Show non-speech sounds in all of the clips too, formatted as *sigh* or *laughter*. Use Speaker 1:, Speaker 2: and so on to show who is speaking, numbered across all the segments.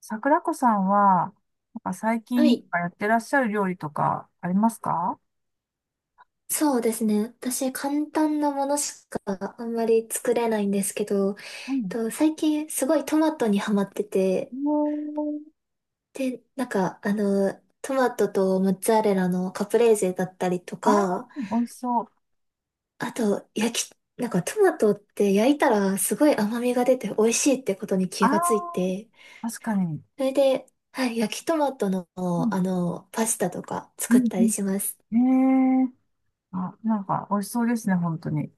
Speaker 1: 桜子さんは、なんか最
Speaker 2: は
Speaker 1: 近なん
Speaker 2: い。
Speaker 1: かやってらっしゃる料理とかありますか？
Speaker 2: そうですね。私、簡単なものしかあんまり作れないんですけど、
Speaker 1: うん。
Speaker 2: 最近すごいトマトにハマってて、
Speaker 1: おー、
Speaker 2: で、なんか、トマトとモッツァレラのカプレーゼだったりと
Speaker 1: あ
Speaker 2: か、
Speaker 1: ー、美味しそう。
Speaker 2: あと、なんかトマトって焼いたらすごい甘みが出て美味しいってことに
Speaker 1: あ
Speaker 2: 気
Speaker 1: ー、
Speaker 2: がついて、
Speaker 1: 確かに。
Speaker 2: それで、はい、焼きトマトの、
Speaker 1: うん、
Speaker 2: パスタとか
Speaker 1: う
Speaker 2: 作っ
Speaker 1: ん、
Speaker 2: たりします。
Speaker 1: うん。えー、あ、なんか美味しそうですね、本当に。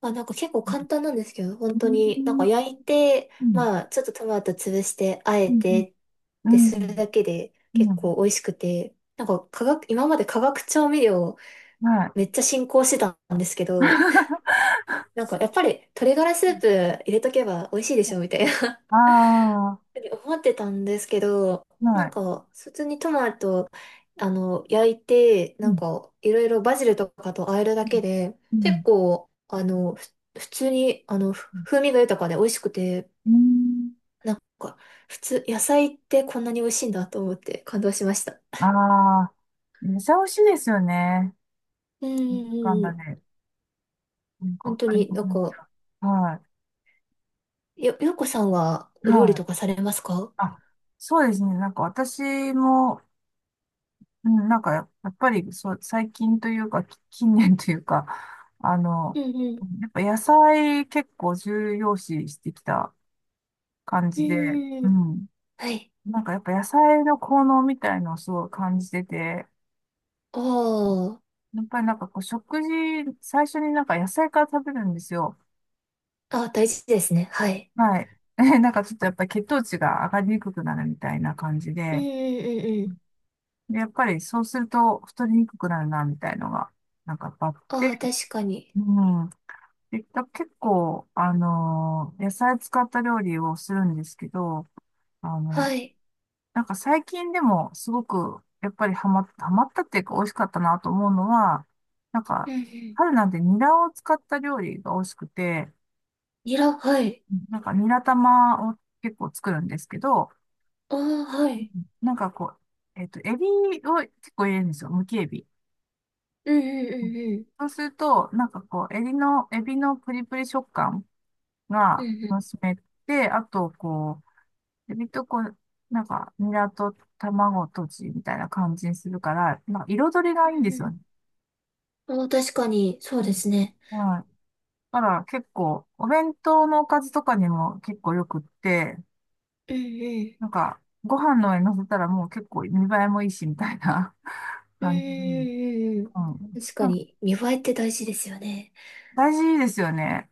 Speaker 2: あ、なんか結構簡
Speaker 1: う
Speaker 2: 単なんですけど、本
Speaker 1: ん、
Speaker 2: 当
Speaker 1: う
Speaker 2: に、なんか
Speaker 1: ん、
Speaker 2: 焼いて、
Speaker 1: うん、
Speaker 2: まあ、ちょっとトマト潰して、あえ
Speaker 1: うん、
Speaker 2: てっ
Speaker 1: う
Speaker 2: て
Speaker 1: ん、
Speaker 2: するだけで
Speaker 1: う
Speaker 2: 結
Speaker 1: ん。
Speaker 2: 構美味しくて、なんか化学、今まで化学調味料
Speaker 1: はい。
Speaker 2: めっちゃ進行してたんですけど、
Speaker 1: *laughs*
Speaker 2: なんかやっぱり鶏ガラスープ入れとけば美味しいでしょみたいな
Speaker 1: ああ、
Speaker 2: 思ってたんですけど、な
Speaker 1: は
Speaker 2: ん
Speaker 1: い。
Speaker 2: か、普通にトマト、焼いて、
Speaker 1: う
Speaker 2: なん
Speaker 1: ん、
Speaker 2: か、いろいろバジルとかと和えるだけで、
Speaker 1: う
Speaker 2: 結
Speaker 1: ん、
Speaker 2: 構、普通に、風味が豊かで美味しくて、
Speaker 1: うん。
Speaker 2: なんか、普通、野菜ってこんなに美味しいんだと思って感動しました。
Speaker 1: ああー、めっちゃ美味しいですよね。
Speaker 2: うんう
Speaker 1: なんだかん
Speaker 2: んう
Speaker 1: だ
Speaker 2: ん。
Speaker 1: ね、なん
Speaker 2: 本
Speaker 1: か、
Speaker 2: 当
Speaker 1: あれ
Speaker 2: に、
Speaker 1: も
Speaker 2: なん
Speaker 1: なん
Speaker 2: か、
Speaker 1: か、は
Speaker 2: ようこさんは
Speaker 1: い、
Speaker 2: お料理
Speaker 1: はい。
Speaker 2: とかされますか？
Speaker 1: あ、そうですね。なんか私も、うん、なんかやっぱりそう、最近というか、近年というか、*laughs* あの、
Speaker 2: うんうん。
Speaker 1: やっぱ野菜結構重要視してきた感
Speaker 2: う
Speaker 1: じで、
Speaker 2: んうん
Speaker 1: う
Speaker 2: うん。
Speaker 1: ん。
Speaker 2: はい。
Speaker 1: なんかやっぱ野菜の効能みたいのをすごい感じてて、
Speaker 2: あ
Speaker 1: やっぱりなんかこう食事、最初になんか野菜から食べるんですよ。
Speaker 2: あ、あ、大事ですね。はい。
Speaker 1: はい。*laughs* なんかちょっとやっぱり血糖値が上がりにくくなるみたいな感じ
Speaker 2: うん
Speaker 1: で、
Speaker 2: うんうんうん。
Speaker 1: で、やっぱりそうすると太りにくくなるな、みたいのが、なんかやっぱあっ
Speaker 2: ああ、
Speaker 1: て、
Speaker 2: 確かに。
Speaker 1: うん。で、結構、野菜使った料理をするんですけど、あの、
Speaker 2: はい。
Speaker 1: なんか最近でもすごく、やっぱりハマったっていうか美味しかったなと思うのは、なん
Speaker 2: う
Speaker 1: か、
Speaker 2: んうん。
Speaker 1: 春なんてニラを使った料理が美味しくて、
Speaker 2: ニラ、はい。
Speaker 1: なんかニラ玉を結構作るんですけど、
Speaker 2: ああ、は
Speaker 1: う
Speaker 2: い。
Speaker 1: ん、なんかこう、エビを結構入れるんですよ。むきエビ。
Speaker 2: うんうん
Speaker 1: そうすると、なんかこう、エビのプリプリ食感
Speaker 2: うん
Speaker 1: が
Speaker 2: うん。うんう
Speaker 1: 楽
Speaker 2: ん。
Speaker 1: しめて、あと、こう、エビとこう、なんか、ニラと卵とじみたいな感じにするから、なんか彩り
Speaker 2: う
Speaker 1: がいいんで
Speaker 2: ん
Speaker 1: すよ
Speaker 2: う
Speaker 1: ね。
Speaker 2: ん。ああ、確かに、そう
Speaker 1: う
Speaker 2: で
Speaker 1: ん、
Speaker 2: すね。
Speaker 1: はい。だから結構、お弁当のおかずとかにも結構よくって、
Speaker 2: うんうん。
Speaker 1: なんか、ご飯の上に乗せたらもう結構見栄えもいいし、みたいな *laughs*
Speaker 2: うん
Speaker 1: 感じ。
Speaker 2: うんうんうん。
Speaker 1: うん。
Speaker 2: 確か
Speaker 1: なんか
Speaker 2: に、見栄えって大事ですよね。
Speaker 1: 大事ですよね。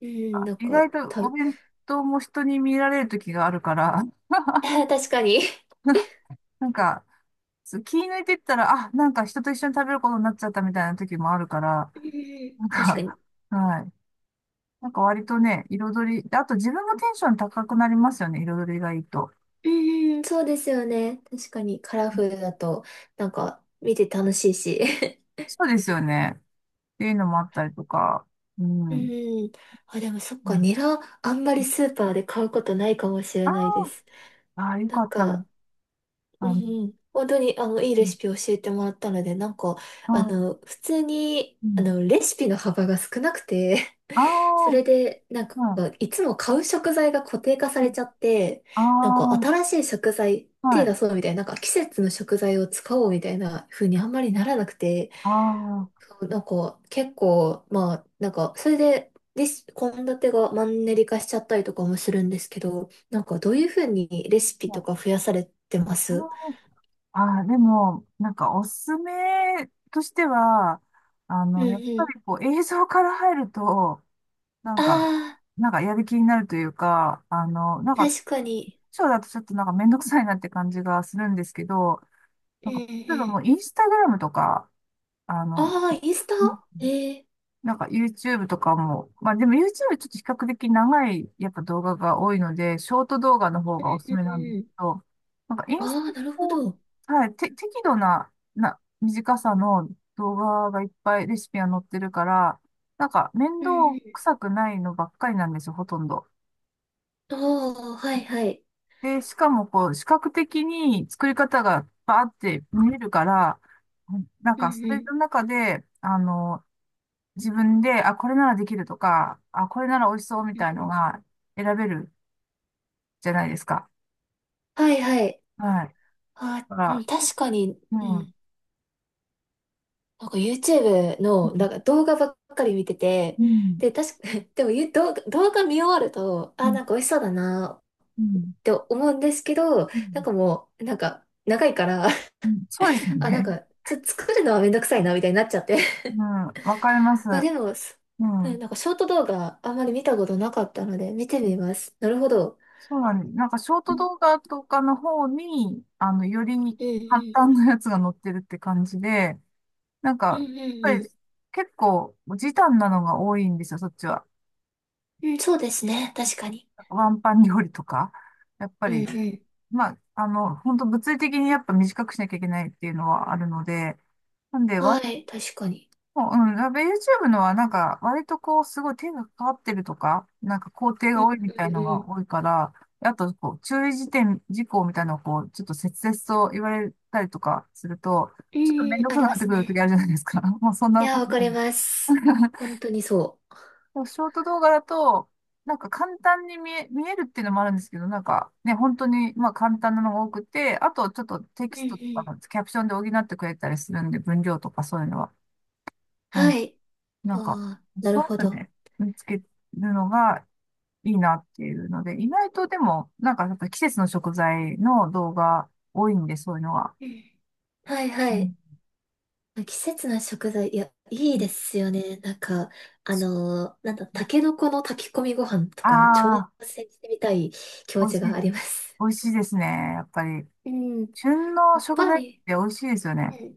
Speaker 2: うん、なん
Speaker 1: 意
Speaker 2: か、
Speaker 1: 外と
Speaker 2: た、
Speaker 1: お
Speaker 2: *laughs*
Speaker 1: 弁当も人に見られる時があるから、
Speaker 2: 確かに。
Speaker 1: *laughs* なんか、そう気抜いてったら、あ、なんか人と一緒に食べることになっちゃったみたいな時もあるから、
Speaker 2: うんうん
Speaker 1: なん
Speaker 2: 確かに。
Speaker 1: か、*laughs* はい。なんか割とね、彩り、であと自分もテンション高くなりますよね、彩りがいいと。
Speaker 2: うんうん、そうですよね。確かに、カラフルだと、なんか、見て楽しいし。*laughs*
Speaker 1: そうですよね。っていうのもあったりとか、う
Speaker 2: う
Speaker 1: ん。
Speaker 2: ん。あ、でもそっ
Speaker 1: う
Speaker 2: か、
Speaker 1: ん、
Speaker 2: ニラ、あんまりスーパーで買うことないかもし
Speaker 1: あ
Speaker 2: れ
Speaker 1: あ、
Speaker 2: ないです。
Speaker 1: ああ、よ
Speaker 2: な
Speaker 1: か
Speaker 2: ん
Speaker 1: ったら、
Speaker 2: か、うん
Speaker 1: あの、
Speaker 2: うん、本当にあのいい
Speaker 1: う
Speaker 2: レ
Speaker 1: ん、
Speaker 2: シピ教えてもらったので、なんか、
Speaker 1: ああ、
Speaker 2: 普通に、
Speaker 1: うん。
Speaker 2: レシピの幅が少なくて、
Speaker 1: あ
Speaker 2: *laughs* そ
Speaker 1: あ、
Speaker 2: れで、なんか、いつも買う食材が固定化されちゃって、
Speaker 1: は
Speaker 2: なんか、
Speaker 1: い。
Speaker 2: 新しい食材、
Speaker 1: ああ、は
Speaker 2: 手出
Speaker 1: い。
Speaker 2: そうみたいな、なんか、季節の食材を使おうみたいな風にあんまりならなくて、
Speaker 1: ああ、
Speaker 2: そうなんか、結構、まあ、なんか、それで、献立がマンネリ化しちゃったりとかもするんですけど、なんか、どういう風にレシピ
Speaker 1: は
Speaker 2: と
Speaker 1: い。
Speaker 2: か増やされてま
Speaker 1: あ
Speaker 2: す？
Speaker 1: あああ、でも、なんかおすすめとしては、あ
Speaker 2: うん
Speaker 1: の、やっ
Speaker 2: う
Speaker 1: ぱ
Speaker 2: ん。
Speaker 1: りこう映像から入ると、なん
Speaker 2: あ
Speaker 1: か、
Speaker 2: あ、
Speaker 1: なんかやる気になるというか、あの、なんか、
Speaker 2: 確かに。
Speaker 1: ショーだとちょっとなんかめんどくさいなって感じがするんですけど、
Speaker 2: う
Speaker 1: なん
Speaker 2: ん
Speaker 1: か、
Speaker 2: うん
Speaker 1: 例えば
Speaker 2: う
Speaker 1: も
Speaker 2: ん。
Speaker 1: うインスタグラムとか、あの、
Speaker 2: ああ、インスタええ
Speaker 1: なんか YouTube とかも、まあでも YouTube ちょっと比較的長いやっぱ動画が多いので、ショート動画の方
Speaker 2: う
Speaker 1: がおす
Speaker 2: ん
Speaker 1: すめなん
Speaker 2: う
Speaker 1: です
Speaker 2: んう
Speaker 1: け
Speaker 2: ん。
Speaker 1: ど、なんかインス
Speaker 2: あ
Speaker 1: タ
Speaker 2: あ、なるほ
Speaker 1: も、
Speaker 2: ど。うん
Speaker 1: はい、て、適度な、短さの動画がいっぱいレシピが載ってるから、なんか面
Speaker 2: う
Speaker 1: 倒
Speaker 2: ん。
Speaker 1: くさくないのばっかりなんですよ、ほとんど。
Speaker 2: ああ、はいはい。
Speaker 1: で、しかもこう、視覚的に作り方がバーって見えるから、なん
Speaker 2: う
Speaker 1: か
Speaker 2: ん
Speaker 1: そ
Speaker 2: う
Speaker 1: れ
Speaker 2: ん。
Speaker 1: の中で、あの、自分で、あ、これならできるとか、あ、これなら美味しそうみ
Speaker 2: うん
Speaker 1: たい
Speaker 2: う
Speaker 1: の
Speaker 2: ん
Speaker 1: が選べるじゃないですか。
Speaker 2: はいはい。
Speaker 1: はい。
Speaker 2: ああ、
Speaker 1: だか
Speaker 2: うん、
Speaker 1: ら、結
Speaker 2: 確かに、
Speaker 1: 構、
Speaker 2: う
Speaker 1: う
Speaker 2: ん。
Speaker 1: ん、
Speaker 2: なんか YouTube
Speaker 1: う
Speaker 2: の、な
Speaker 1: ん、
Speaker 2: んか動画ばっかり見てて、
Speaker 1: うん、
Speaker 2: で、確か、*laughs* でもゆ動画、動画見終わると、ああ、なんか美味しそうだなっ
Speaker 1: うん、
Speaker 2: て思うんですけど、
Speaker 1: う
Speaker 2: なんかもう、なんか長いから、
Speaker 1: ん。そうですよ
Speaker 2: *laughs* あ、なん
Speaker 1: ね。
Speaker 2: か、作るのはめんどくさいな、みたいになっちゃって。
Speaker 1: うん、わかります。
Speaker 2: あ、でも、
Speaker 1: う
Speaker 2: うんな
Speaker 1: ん。
Speaker 2: んかショート動画あんまり見たことなかったので見てみます。なるほど。
Speaker 1: そうなんです。なんか、ショート動画とかの方に、あの、より
Speaker 2: うんう
Speaker 1: 簡
Speaker 2: ん。
Speaker 1: 単なやつが載ってるって感じで、なん
Speaker 2: うん
Speaker 1: か、
Speaker 2: うん
Speaker 1: やっぱり
Speaker 2: う
Speaker 1: 結構、時短なのが多いんですよ、そっちは。
Speaker 2: ん。うん、そうですね。確かに。
Speaker 1: ワンパン料理とか。やっぱ
Speaker 2: うん
Speaker 1: り、
Speaker 2: うん。
Speaker 1: まあ、あの、本当物理的にやっぱ短くしなきゃいけないっていうのはあるので、なんで、
Speaker 2: は
Speaker 1: 割
Speaker 2: い、確かに。
Speaker 1: と、うん、やっぱ YouTube のはなんか、割とこう、すごい手がかかってるとか、なんか工程
Speaker 2: う
Speaker 1: が
Speaker 2: ん
Speaker 1: 多いみたい
Speaker 2: う
Speaker 1: の
Speaker 2: んう
Speaker 1: が
Speaker 2: ん。
Speaker 1: 多いから、あと、こう、注意事項みたいなのをこう、ちょっと切々と言われたりとかすると、ちょっと面
Speaker 2: うん、
Speaker 1: 倒く
Speaker 2: あ
Speaker 1: さく
Speaker 2: り
Speaker 1: な
Speaker 2: ま
Speaker 1: って
Speaker 2: す
Speaker 1: くる時
Speaker 2: ね。
Speaker 1: あるじゃないですか。*laughs* もうそん
Speaker 2: い
Speaker 1: な
Speaker 2: や、
Speaker 1: こと
Speaker 2: わか
Speaker 1: な
Speaker 2: り
Speaker 1: い。
Speaker 2: ます。
Speaker 1: *laughs*
Speaker 2: 本当にそ
Speaker 1: でもショート動画だと、なんか簡単に見えるっていうのもあるんですけど、なんかね、本当にまあ簡単なのが多くて、あとちょっとテキ
Speaker 2: う。う
Speaker 1: ス
Speaker 2: んう
Speaker 1: トとか
Speaker 2: ん。
Speaker 1: のキャプションで補ってくれたりするんで、文量とかそういうのは。うん。
Speaker 2: はい。
Speaker 1: なんか、
Speaker 2: ああ、なる
Speaker 1: そう
Speaker 2: ほ
Speaker 1: やって
Speaker 2: ど。
Speaker 1: ね、見つけるのがいいなっていうので、意外とでも、なんかやっぱ季節の食材の動画多いんで、そういうのは。
Speaker 2: うん。はい
Speaker 1: う
Speaker 2: はい。
Speaker 1: ん、
Speaker 2: 季節の食材、いや、いいですよね。なんか、なんだ、タケノコの炊き込みご飯と
Speaker 1: あ
Speaker 2: か、挑
Speaker 1: あ、
Speaker 2: 戦してみたい気
Speaker 1: 美
Speaker 2: 持
Speaker 1: 味
Speaker 2: ち
Speaker 1: しい、
Speaker 2: があ
Speaker 1: 美
Speaker 2: ります。
Speaker 1: 味しいですね。やっぱり、
Speaker 2: うん、
Speaker 1: 旬の
Speaker 2: やっ
Speaker 1: 食
Speaker 2: ぱ
Speaker 1: 材って
Speaker 2: り、
Speaker 1: 美味しいですよね。
Speaker 2: うん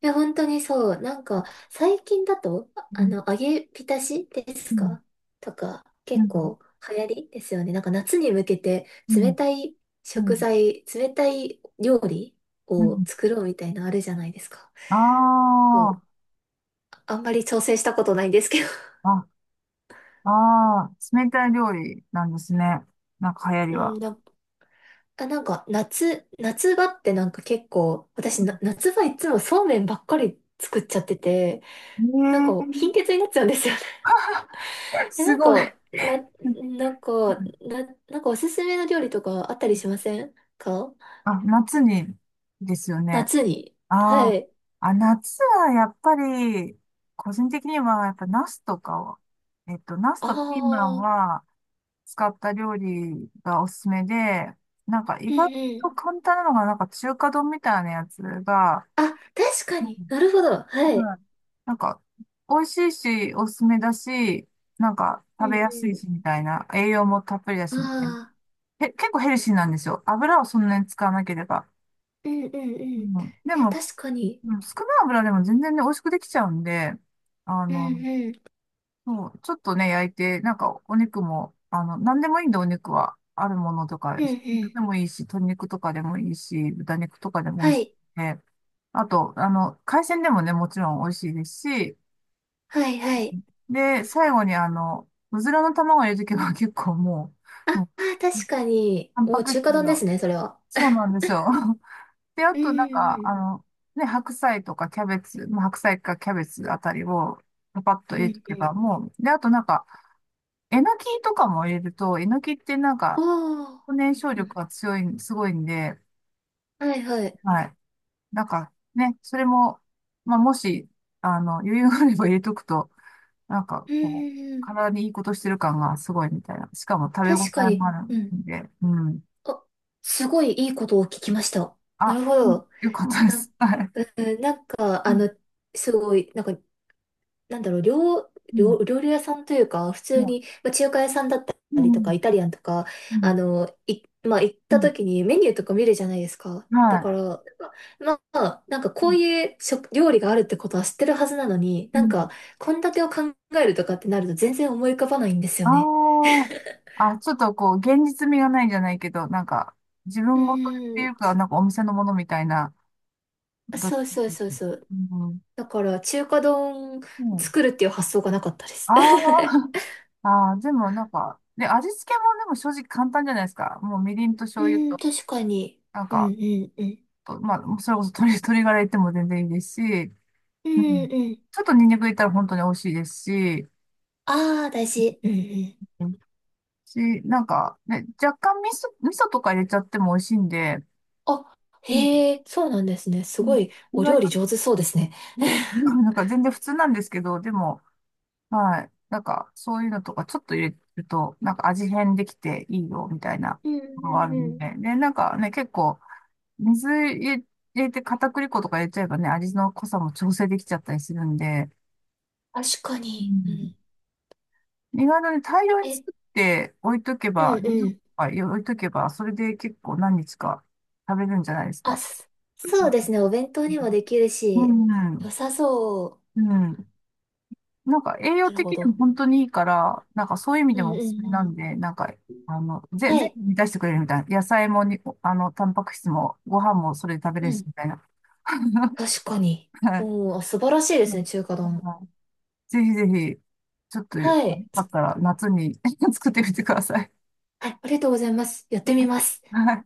Speaker 2: いや、本当にそう。なんか、最近だと、
Speaker 1: うん、
Speaker 2: 揚げ浸しですかとか、
Speaker 1: う
Speaker 2: 結
Speaker 1: ん、
Speaker 2: 構流行りですよね。なんか、夏に向けて、
Speaker 1: う
Speaker 2: 冷
Speaker 1: ん、
Speaker 2: たい
Speaker 1: う
Speaker 2: 食
Speaker 1: ん、
Speaker 2: 材、冷たい料理
Speaker 1: う
Speaker 2: を
Speaker 1: ん。
Speaker 2: 作ろうみたいなのあるじゃないですか。
Speaker 1: あ
Speaker 2: そうあんまり挑戦したことないんですけど。
Speaker 1: あ、あ、ああ、冷たい料理なんですね。なんか流行り
Speaker 2: うん、
Speaker 1: は。
Speaker 2: あ、なんか夏場ってなんか結構、私、夏場いつもそうめんばっかり作っちゃってて、なんか
Speaker 1: え
Speaker 2: 貧血になっちゃうんですよね。
Speaker 1: え、
Speaker 2: *laughs* え、
Speaker 1: す
Speaker 2: なん
Speaker 1: ご
Speaker 2: か、
Speaker 1: い。
Speaker 2: な、なんか、
Speaker 1: *laughs*
Speaker 2: な、なんかおすすめの料理とかあったりしませんか？
Speaker 1: あ、夏にですよね。
Speaker 2: 夏に。は
Speaker 1: あー、
Speaker 2: い。
Speaker 1: あ、夏はやっぱり、個人的にはやっぱナスとかを、ナス
Speaker 2: あ
Speaker 1: とピーマン
Speaker 2: あ、
Speaker 1: は使った料理がおすすめで、なんか
Speaker 2: う
Speaker 1: 意
Speaker 2: ん
Speaker 1: 外
Speaker 2: うん。
Speaker 1: と簡単なのが、なんか中華丼みたいなやつが、
Speaker 2: あ、確かに。なるほど。は
Speaker 1: う
Speaker 2: い。
Speaker 1: ん。なんか、美味しいし、おすすめだし、なんか、
Speaker 2: う
Speaker 1: 食
Speaker 2: ん
Speaker 1: べやすい
Speaker 2: う
Speaker 1: し、みたいな。栄養もたっぷりだ
Speaker 2: ん。
Speaker 1: し、みたいな。
Speaker 2: ああ、
Speaker 1: 結構ヘルシーなんですよ。油をそんなに使わなければ。
Speaker 2: うんうんう
Speaker 1: う
Speaker 2: ん。
Speaker 1: ん。で
Speaker 2: え、
Speaker 1: も、
Speaker 2: 確かに。
Speaker 1: うん、少ない油でも全然ね、美味しくできちゃうんで、あ
Speaker 2: うん
Speaker 1: の、
Speaker 2: うん。
Speaker 1: そう、ちょっとね、焼いて、なんか、お肉も、あの、なんでもいいんで、お肉は。あるものとか、
Speaker 2: うんう
Speaker 1: ひき肉
Speaker 2: ん。
Speaker 1: でもいいし、鶏肉とかでもいいし、豚肉とかでも美
Speaker 2: は
Speaker 1: 味しいし
Speaker 2: い。
Speaker 1: ね。あと、あの、海鮮でもね、もちろん美味しいですし、
Speaker 2: はいはい。
Speaker 1: で、最後にあの、うずらの卵を入れとけば *laughs* 結構も
Speaker 2: あ
Speaker 1: う、も
Speaker 2: あー、
Speaker 1: う、
Speaker 2: 確かに。
Speaker 1: タン
Speaker 2: も
Speaker 1: パ
Speaker 2: う
Speaker 1: ク
Speaker 2: 中華
Speaker 1: 質
Speaker 2: 丼です
Speaker 1: が、
Speaker 2: ね、それは。
Speaker 1: そうなんですよ。*laughs* で、あ
Speaker 2: う
Speaker 1: となんか、
Speaker 2: ん
Speaker 1: あの、ね、白菜とかキャベツ、まあ、白菜かキャベツあたりをパパッと
Speaker 2: うん
Speaker 1: 入
Speaker 2: う
Speaker 1: れと
Speaker 2: ん。う
Speaker 1: け
Speaker 2: んうん。
Speaker 1: ばもう、で、あとなんか、えのきとかも入れると、えのきってなん
Speaker 2: あ
Speaker 1: か、
Speaker 2: あ。
Speaker 1: 燃焼
Speaker 2: う
Speaker 1: 力
Speaker 2: ん
Speaker 1: が強い、すごいんで、
Speaker 2: はいはい。
Speaker 1: はい。なんかね、それも、まあ、もし、あの、余裕があれば入れとくと、なんか、
Speaker 2: うん
Speaker 1: こう、
Speaker 2: うんうん。
Speaker 1: 体にいいことしてる感がすごいみたいな。しかも食べ応
Speaker 2: 確か
Speaker 1: えも
Speaker 2: に。
Speaker 1: ある
Speaker 2: うん。
Speaker 1: んで、うん。
Speaker 2: あ、すごいいいことを聞きました。な
Speaker 1: あ、
Speaker 2: るほ
Speaker 1: うん、
Speaker 2: ど。
Speaker 1: よかったで
Speaker 2: な
Speaker 1: す。
Speaker 2: ん、
Speaker 1: はい。
Speaker 2: うん、なんか、
Speaker 1: うん、
Speaker 2: すごい、なんかなんだろう、
Speaker 1: うん、
Speaker 2: 料理屋さんというか、普通
Speaker 1: うん、
Speaker 2: に、まあ、中華屋さんだっ
Speaker 1: う
Speaker 2: たりと
Speaker 1: ん、
Speaker 2: か、イタリアンとか、
Speaker 1: うん、
Speaker 2: まあ、行った時にメニューとか見るじゃないですか。だ
Speaker 1: は
Speaker 2: から、なんかまあ、なんか
Speaker 1: い。う
Speaker 2: こう
Speaker 1: ん、
Speaker 2: いう料理があるってことは知ってるはずなのに、
Speaker 1: う
Speaker 2: なん
Speaker 1: ん、
Speaker 2: か、献立を考えるとかってなると全然思い浮かばないんです
Speaker 1: あ
Speaker 2: よね。
Speaker 1: あ、あ、ちょっとこう、現実味がないじゃないけど、なんか、自
Speaker 2: う
Speaker 1: 分ごとって
Speaker 2: ー
Speaker 1: い
Speaker 2: ん、
Speaker 1: うか、なんかお店のものみたいな、どっち
Speaker 2: そうそうそうそう。
Speaker 1: も。うん、
Speaker 2: だから、中華丼
Speaker 1: うん。
Speaker 2: 作るっていう発想がなかったです。
Speaker 1: ああ、*laughs* ああ、でもなんか、で、味付けもでも正直簡単じゃないですか。もうみりんと
Speaker 2: *laughs* う
Speaker 1: 醤油
Speaker 2: ん、
Speaker 1: と、
Speaker 2: 確かに。
Speaker 1: なん
Speaker 2: うん
Speaker 1: か、
Speaker 2: うんうん。
Speaker 1: と、まあ、それこそ鶏ガラ入っても全然いいですし、
Speaker 2: う
Speaker 1: う
Speaker 2: ん
Speaker 1: ん。
Speaker 2: うん
Speaker 1: ちょっとニンニク入れたら本当に美味しいですし、
Speaker 2: ああ、大事。うんうん。
Speaker 1: し、なんか、ね、若干味噌とか入れちゃっても美味しいんで、
Speaker 2: あ、
Speaker 1: うん、
Speaker 2: へえ、そうなんですね。す
Speaker 1: うん、
Speaker 2: ごい、
Speaker 1: 意
Speaker 2: お
Speaker 1: 外
Speaker 2: 料
Speaker 1: と
Speaker 2: 理上手そうですね。
Speaker 1: ね、*laughs* う
Speaker 2: *laughs*
Speaker 1: ん、なんか全然普通なんですけど、でも、はい。なんか、そういうのとかちょっと入れると、なんか味変できていいよ、みたいな
Speaker 2: うん
Speaker 1: の
Speaker 2: う
Speaker 1: があ
Speaker 2: ん
Speaker 1: る
Speaker 2: う
Speaker 1: ん
Speaker 2: ん。
Speaker 1: で。で、なんかね、結構、水入れて片栗粉とか入れちゃえばね、味の濃さも調整できちゃったりするんで、
Speaker 2: 確か
Speaker 1: う
Speaker 2: に。う
Speaker 1: ん、
Speaker 2: ん。
Speaker 1: 意外とね、大量に
Speaker 2: え、
Speaker 1: 作って置いとけ
Speaker 2: う
Speaker 1: ば、
Speaker 2: ん
Speaker 1: 冷蔵
Speaker 2: うん。
Speaker 1: 庫に置いとけば、それで結構何日か食べるんじゃないです
Speaker 2: あ、
Speaker 1: か。う
Speaker 2: そう
Speaker 1: ん、
Speaker 2: ですね。お弁当にもできる
Speaker 1: う
Speaker 2: し、良
Speaker 1: ん。
Speaker 2: さそう。
Speaker 1: うん、なんか栄養
Speaker 2: なる
Speaker 1: 的
Speaker 2: ほ
Speaker 1: にも
Speaker 2: ど。
Speaker 1: 本当にいいから、なんかそういう意味
Speaker 2: う
Speaker 1: で
Speaker 2: んう
Speaker 1: も
Speaker 2: ん
Speaker 1: お
Speaker 2: う
Speaker 1: すすめな
Speaker 2: ん。
Speaker 1: んで、なんか、あの、ぜ、
Speaker 2: は
Speaker 1: 全
Speaker 2: い。
Speaker 1: 部満たしてくれるみたいな。野菜もに、あの、タンパク質も、ご飯もそれで食べれ
Speaker 2: う
Speaker 1: るし、
Speaker 2: ん。
Speaker 1: みたいな。*laughs*
Speaker 2: 確かに。
Speaker 1: はい。
Speaker 2: おー、素晴らしいで
Speaker 1: う
Speaker 2: すね、
Speaker 1: ん、
Speaker 2: 中華丼。
Speaker 1: はい、ぜひぜひ、ちょっと、よ
Speaker 2: はい。
Speaker 1: かったら夏に *laughs* 作ってみてください。
Speaker 2: はい、ありがとうございます。やってみます。
Speaker 1: はい。